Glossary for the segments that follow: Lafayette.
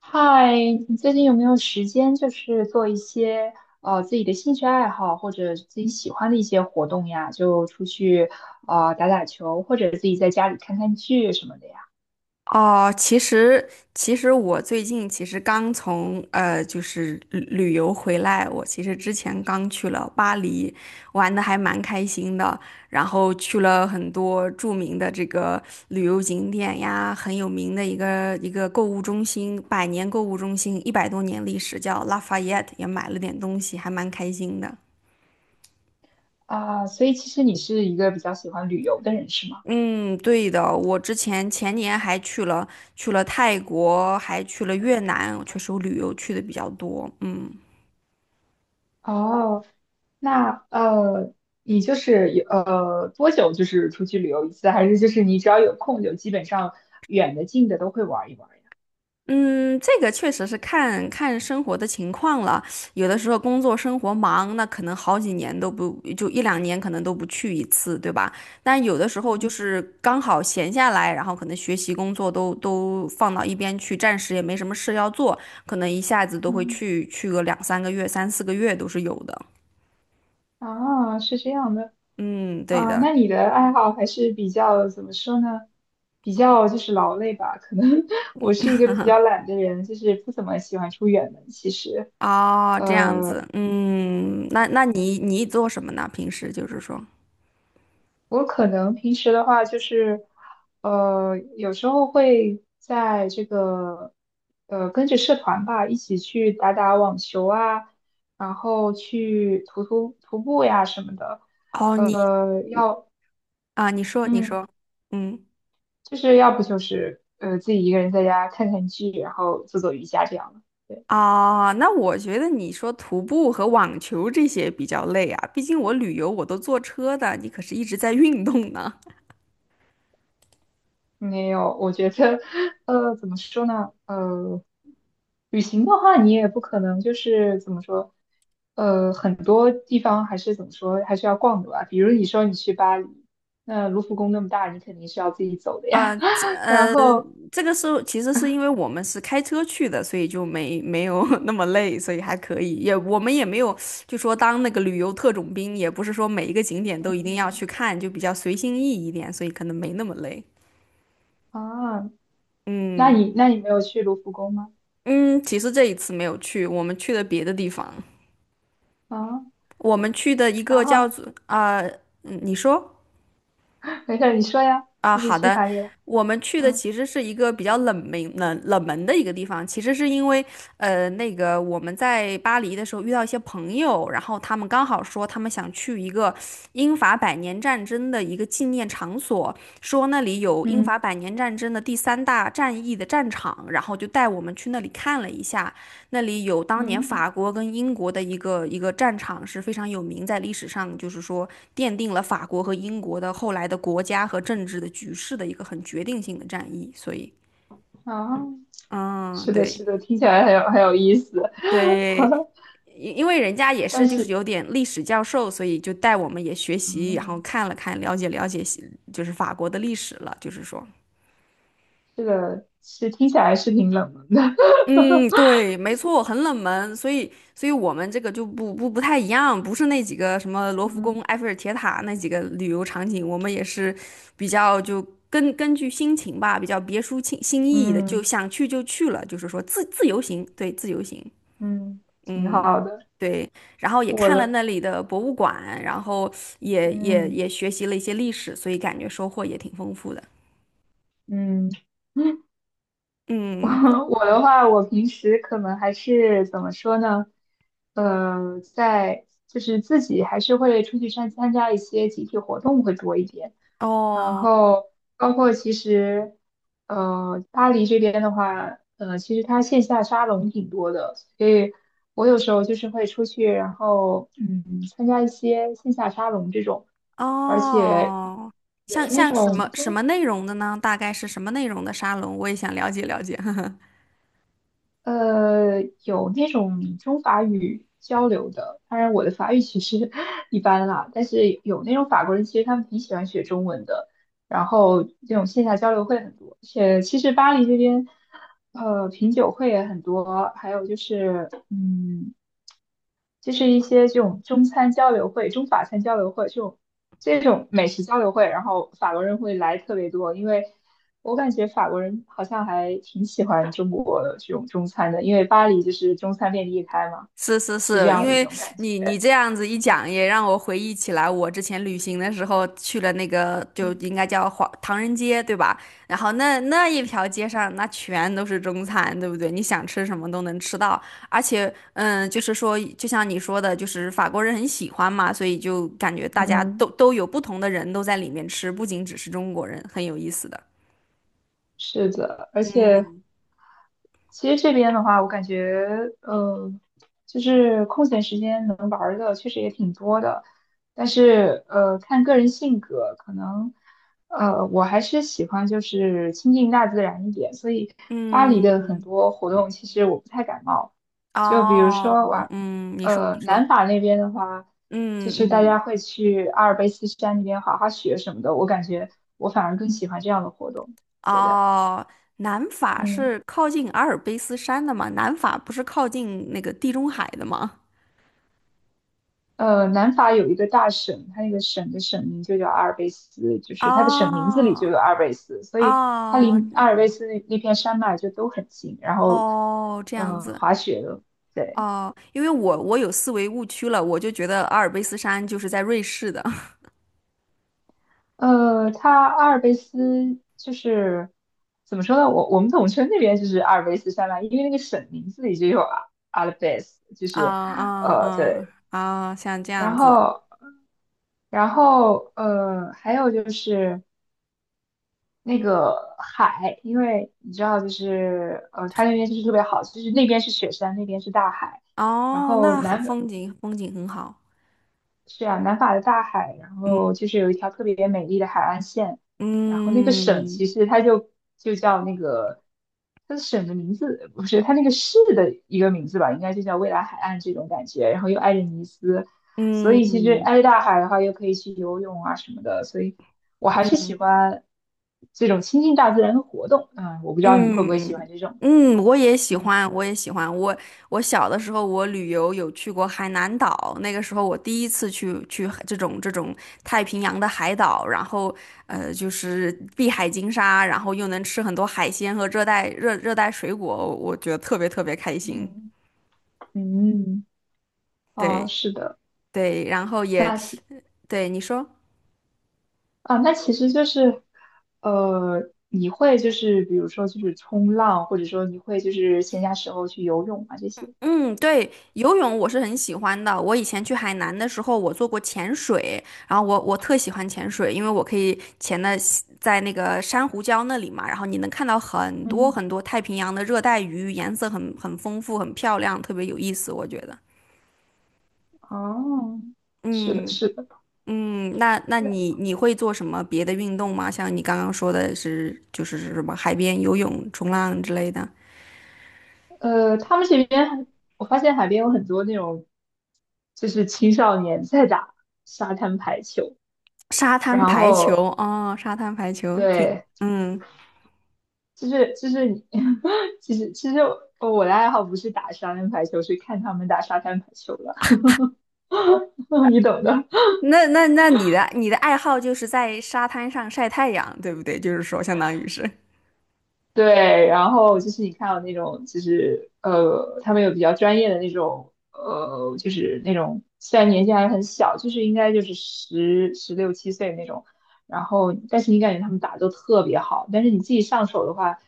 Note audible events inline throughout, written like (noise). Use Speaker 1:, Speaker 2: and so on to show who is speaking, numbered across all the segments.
Speaker 1: 嗨，你最近有没有时间，就是做一些自己的兴趣爱好或者自己喜欢的一些活动呀？就出去打打球，或者自己在家里看看剧什么的呀？
Speaker 2: 哦，其实我最近刚从旅游回来，我其实之前刚去了巴黎，玩的还蛮开心的。然后去了很多著名的这个旅游景点呀，很有名的一个购物中心，百年购物中心，一百多年历史，叫 Lafayette，也买了点东西，还蛮开心的。
Speaker 1: 啊、所以其实你是一个比较喜欢旅游的人，是吗？
Speaker 2: 嗯，对的，我之前前年还去了，去了泰国，还去了越南，确实我旅游去的比较多。嗯。
Speaker 1: 哦，那你就是有多久就是出去旅游一次，还是就是你只要有空就基本上远的近的都会玩一玩呀？
Speaker 2: 嗯，这个确实是看看生活的情况了。有的时候工作生活忙，那可能好几年都不，就一两年可能都不去一次，对吧？但有的时候就
Speaker 1: 嗯
Speaker 2: 是刚好闲下来，然后可能学习工作都放到一边去，暂时也没什么事要做，可能一下子都会
Speaker 1: 嗯，
Speaker 2: 去个两三个月、三四个月都是有的。
Speaker 1: 啊，是这样的。
Speaker 2: 嗯，对
Speaker 1: 啊，
Speaker 2: 的。
Speaker 1: 那你的爱好还是比较怎么说呢？比较就是劳累吧。可能 (laughs) 我是一个比较懒的人，就是不怎么喜欢出远门。其实，
Speaker 2: 哦，这样
Speaker 1: 呃，
Speaker 2: 子。嗯，那你做什么呢？平时就是说。
Speaker 1: 我可能平时的话就是，有时候会在这个，跟着社团吧，一起去打打网球啊，然后去徒步呀什么的。
Speaker 2: 哦，你
Speaker 1: 呃，要，
Speaker 2: 啊，你说你
Speaker 1: 嗯。
Speaker 2: 说，嗯。
Speaker 1: 就是要不就是自己一个人在家看看剧，然后做做瑜伽这样的。对，
Speaker 2: 啊，那我觉得你说徒步和网球这些比较累啊，毕竟我旅游我都坐车的，你可是一直在运动呢。
Speaker 1: 没有，我觉得 (laughs) 怎么说呢？旅行的话，你也不可能就是怎么说，很多地方还是怎么说，还是要逛的吧。比如你说你去巴黎，那卢浮宫那么大，你肯定是要自己走的呀。
Speaker 2: 啊，
Speaker 1: (laughs) 然后
Speaker 2: 这个是其实是因为我们是开车去的，所以就没有 (laughs) 那么累，所以还可以。也我们也没有就说当那个旅游特种兵，也不是说每一个景点都一定要去看，就比较随心意一点，所以可能没那么累。
Speaker 1: 啊，那
Speaker 2: 嗯。
Speaker 1: 你没有去卢浮宫吗？
Speaker 2: 嗯，其实这一次没有去，我们去的别的地方。
Speaker 1: 啊，
Speaker 2: 我们去的一
Speaker 1: 然
Speaker 2: 个叫
Speaker 1: 后
Speaker 2: 做啊、嗯你说，
Speaker 1: 没事儿，你说呀，
Speaker 2: 啊、
Speaker 1: 就是
Speaker 2: 好
Speaker 1: 去
Speaker 2: 的，
Speaker 1: 法里了？
Speaker 2: 我们去的
Speaker 1: 嗯
Speaker 2: 其实是一个比较冷门的一个地方。其实是因为那个我们在巴黎的时候遇到一些朋友，然后他们刚好说他们想去一个英法百年战争的一个纪念场所，说那里有英法
Speaker 1: 嗯
Speaker 2: 百年战争的第三大战役的战场，然后就带我们去那里看了一下。那里有当年
Speaker 1: 嗯。
Speaker 2: 法国跟英国的一个战场是非常有名，在历史上就是说奠定了法国和英国的后来的国家和政治的局势的一个很决定性的战役。所以，
Speaker 1: 啊，
Speaker 2: 嗯，
Speaker 1: 是的，
Speaker 2: 对
Speaker 1: 是的，听起来很有意思。
Speaker 2: 对，
Speaker 1: (laughs)
Speaker 2: 因为人家也是
Speaker 1: 但
Speaker 2: 就是
Speaker 1: 是，
Speaker 2: 有点历史教授，所以就带我们也学习，然后
Speaker 1: 嗯，
Speaker 2: 看了看，了解西就是法国的历史了，就是说。
Speaker 1: 这个是听起来是挺冷门的。
Speaker 2: 嗯，对，没错，很冷门，所以，所以我们这个就不太一样，不是那几个什么
Speaker 1: (laughs)
Speaker 2: 罗浮宫、
Speaker 1: 嗯
Speaker 2: 埃菲尔铁塔那几个旅游场景，我们也是比较就根据心情吧，比较别出心意的，就
Speaker 1: 嗯
Speaker 2: 想去就去了，就是说自由行，对，自由行。
Speaker 1: 嗯挺
Speaker 2: 嗯，
Speaker 1: 好的。
Speaker 2: 对，然后也
Speaker 1: 我
Speaker 2: 看了
Speaker 1: 的，
Speaker 2: 那里的博物馆，然后也也
Speaker 1: 嗯
Speaker 2: 也学习了一些历史，所以感觉收获也挺丰富的。
Speaker 1: 嗯，(laughs)
Speaker 2: 嗯，
Speaker 1: 我我的话，我平时可能还是怎么说呢？在就是自己还是会出去参加一些集体活动会多一点，然
Speaker 2: 哦。
Speaker 1: 后包括其实巴黎这边的话，呃其实它线下沙龙挺多的，所以我有时候就是会出去，然后嗯参加一些线下沙龙这种，而且
Speaker 2: 哦，
Speaker 1: 有
Speaker 2: 像
Speaker 1: 那
Speaker 2: 像什么
Speaker 1: 种
Speaker 2: 什
Speaker 1: 就。
Speaker 2: 么内容的呢？大概是什么内容的沙龙？我也想了解。(laughs)
Speaker 1: 有那种中法语交流的，当然我的法语其实 (laughs) 一般啦，但是有那种法国人，其实他们挺喜欢学中文的，然后这种线下交流会很多。而且其实巴黎这边，品酒会也很多，还有就是，嗯。就是一些这种中餐交流会、中法餐交流会这种美食交流会，然后法国人会来特别多，因为我感觉法国人好像还挺喜欢中国的这种中餐的，因为巴黎就是中餐遍地开嘛，
Speaker 2: 是是
Speaker 1: 是这
Speaker 2: 是，因
Speaker 1: 样一
Speaker 2: 为
Speaker 1: 种感
Speaker 2: 你
Speaker 1: 觉。
Speaker 2: 这样子一讲，也让我回忆起来，我之前旅行的时候去了那个，就应该叫华唐人街，对吧？然后那一条街上，那全都是中餐，对不对？你想吃什么都能吃到。而且，嗯，就是说，就像你说的，就是法国人很喜欢嘛，所以就感觉大家都
Speaker 1: 嗯，
Speaker 2: 都有不同的人都在里面吃，不仅只是中国人，很有意思的。
Speaker 1: 是的。而且其实这边的话，我感觉，呃，就是空闲时间能玩儿的确实也挺多的，但是，看个人性格，可能，我还是喜欢就是亲近大自然一点，所以巴黎的很
Speaker 2: 嗯，
Speaker 1: 多活动其实我不太感冒，就比如
Speaker 2: 哦，
Speaker 1: 说哇，
Speaker 2: 嗯，你说，你说，
Speaker 1: 南法那边的话，就
Speaker 2: 嗯。
Speaker 1: 是大家
Speaker 2: 嗯。
Speaker 1: 会去阿尔卑斯山那边滑滑雪什么的，我感觉我反而更喜欢这样的活动，对的，
Speaker 2: 哦，南法
Speaker 1: 嗯。
Speaker 2: 是靠近阿尔卑斯山的吗？南法不是靠近那个地中海的吗？
Speaker 1: 南法有一个大省，它那个省的省名就叫阿尔卑斯，就
Speaker 2: (laughs)
Speaker 1: 是它的省名字里就
Speaker 2: 哦。
Speaker 1: 有阿尔卑斯，所以它
Speaker 2: 哦
Speaker 1: 离阿尔卑斯那片山脉就都很近。然后，
Speaker 2: 哦，这样子
Speaker 1: 滑雪的，对，
Speaker 2: 哦，因为我有思维误区了，我就觉得阿尔卑斯山就是在瑞士的。 (laughs)
Speaker 1: 它阿尔卑斯就是怎么说呢？我们统称那边就是阿尔卑斯山脉，因为那个省名字里就有阿尔卑斯，就
Speaker 2: 啊
Speaker 1: 是
Speaker 2: 啊啊
Speaker 1: 对，
Speaker 2: 啊，像这样
Speaker 1: 然
Speaker 2: 子
Speaker 1: 后。然后还有就是那个海，因为你知道，就是它那边就是特别好，就是那边是雪山，那边是大海，然
Speaker 2: 哦，
Speaker 1: 后
Speaker 2: 那很风景很好。
Speaker 1: 是啊，南法的大海，然后
Speaker 2: 嗯
Speaker 1: 就是有一条特别美丽的海岸线，然后那个省其
Speaker 2: 嗯。
Speaker 1: 实就叫那个，它的省的名字不是它那个市的一个名字吧，应该就叫未来海岸这种感觉，然后又挨着尼斯，所以其实
Speaker 2: 嗯。
Speaker 1: 挨着大海的话，又可以去游泳啊什么的，所以我还是喜欢这种亲近大自然的活动。嗯，我不知道你会不会
Speaker 2: 嗯
Speaker 1: 喜欢这种。
Speaker 2: 嗯，我也喜
Speaker 1: 嗯
Speaker 2: 欢，我也喜欢。我我小的时候，我旅游有去过海南岛。那个时候我第一次去海这种太平洋的海岛，然后就是碧海金沙，然后又能吃很多海鲜和热带热带水果，我觉得特别开心。
Speaker 1: 嗯，嗯，嗯哦，
Speaker 2: 对
Speaker 1: 是的，
Speaker 2: 对，然后也
Speaker 1: 那行。
Speaker 2: 对你说。
Speaker 1: 啊，那其实就是，你会就是比如说就是冲浪，或者说你会就是闲暇时候去游泳啊这些。
Speaker 2: 嗯，对，游泳我是很喜欢的。我以前去海南的时候，我做过潜水，然后我特喜欢潜水，因为我可以潜的在那个珊瑚礁那里嘛，然后你能看到很多
Speaker 1: 嗯，
Speaker 2: 很多太平洋的热带鱼，颜色很丰富，很漂亮，特别有意思，我觉得。
Speaker 1: 哦，是的，
Speaker 2: 嗯。
Speaker 1: 是的，
Speaker 2: 嗯，那你会做什么别的运动吗？像你刚刚说的是就是什么海边游泳、冲浪之类的，
Speaker 1: 他们这边还我发现海边有很多那种，就是青少年在打沙滩排球，
Speaker 2: 沙滩
Speaker 1: 然
Speaker 2: 排球
Speaker 1: 后
Speaker 2: 哦，沙滩排球挺。
Speaker 1: 对，
Speaker 2: 嗯。
Speaker 1: 就是就是你，(laughs) 其实我的爱好不是打沙滩排球，是看他们打沙滩排球了。(laughs) 你懂的。
Speaker 2: 那你的爱好就是在沙滩上晒太阳，对不对？就是说，相当于是。
Speaker 1: 对，然后就是你看到那种，就是他们有比较专业的那种，就是那种虽然年纪还很小，就是应该就是16、7岁那种，然后但是你感觉他们打得都特别好，但是你自己上手的话，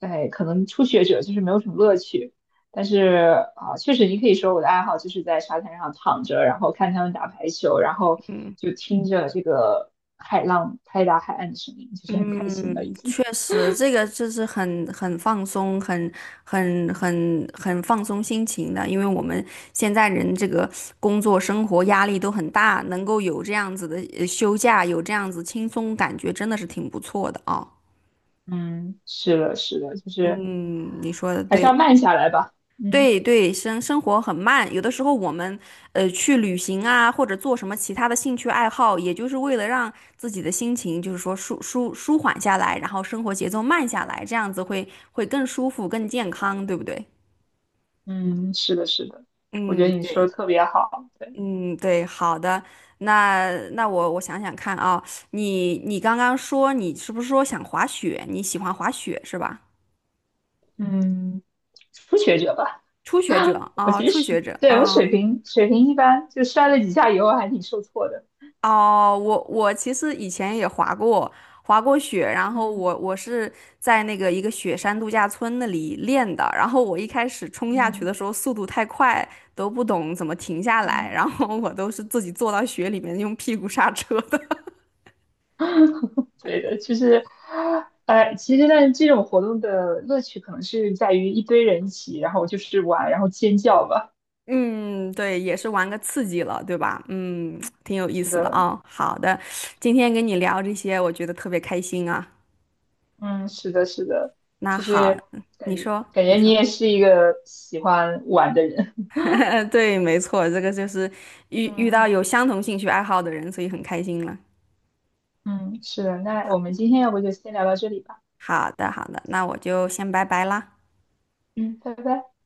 Speaker 1: 哎，可能初学者就是没有什么乐趣。但是啊，确实你可以说我的爱好就是在沙滩上躺着，然后看他们打排球，然后
Speaker 2: 嗯。
Speaker 1: 就听着这个海浪拍打海岸的声音，就是很开心了已
Speaker 2: 嗯，确
Speaker 1: 经。
Speaker 2: 实，这个就是很很放松，很放松心情的。因为我们现在人这个工作生活压力都很大，能够有这样子的休假，有这样子轻松感觉，真的是挺不错的啊。
Speaker 1: 嗯，是的，是的，就是
Speaker 2: 嗯，你说的
Speaker 1: 还是要
Speaker 2: 对。
Speaker 1: 慢下来吧。嗯
Speaker 2: 对对，生活很慢，有的时候我们去旅行啊，或者做什么其他的兴趣爱好，也就是为了让自己的心情就是说舒缓下来，然后生活节奏慢下来，这样子会更舒服、更健康，对不对？
Speaker 1: 嗯，是的，是的，我觉得
Speaker 2: 嗯，
Speaker 1: 你说
Speaker 2: 对，
Speaker 1: 的特别好。对，
Speaker 2: 嗯，对，好的，那我想想看啊，你你刚刚说你是不是说想滑雪？你喜欢滑雪是吧？
Speaker 1: 嗯，初学者吧，
Speaker 2: 初学
Speaker 1: (laughs)
Speaker 2: 者
Speaker 1: 我
Speaker 2: 啊，
Speaker 1: 其
Speaker 2: 初
Speaker 1: 实
Speaker 2: 学者
Speaker 1: 对我水
Speaker 2: 啊。
Speaker 1: 平水平一般，就摔了几下以后还挺受挫的。
Speaker 2: 哦，我其实以前也滑过，滑过雪，然后
Speaker 1: 嗯
Speaker 2: 我我是在那个一个雪山度假村那里练的，然后我一开始冲下去的
Speaker 1: 嗯
Speaker 2: 时候速度太快，都不懂怎么停下来，
Speaker 1: 嗯，
Speaker 2: 然后我都是自己坐到雪里面用屁股刹车的。
Speaker 1: 对的，就是其实呢，这种活动的乐趣可能是在于一堆人一起，然后就是玩，然后尖叫吧。
Speaker 2: (laughs) 嗯，对，也是玩个刺激了，对吧？嗯，挺有意
Speaker 1: 是
Speaker 2: 思的
Speaker 1: 的。
Speaker 2: 啊，好的，今天跟你聊这些，我觉得特别开心啊。
Speaker 1: 嗯，是的，是的，
Speaker 2: 那
Speaker 1: 就
Speaker 2: 好，
Speaker 1: 是感
Speaker 2: 你说，
Speaker 1: 感觉
Speaker 2: 你
Speaker 1: 你
Speaker 2: 说。
Speaker 1: 也是一个喜欢玩的人。
Speaker 2: (laughs) 对，没错，这个就是遇到
Speaker 1: 嗯
Speaker 2: 有相同兴趣爱好的人，所以很开心了。
Speaker 1: 嗯，是的，那我们今天要不就先聊到这里吧。
Speaker 2: 好的，好的，那我就先拜拜啦。
Speaker 1: 嗯，拜拜。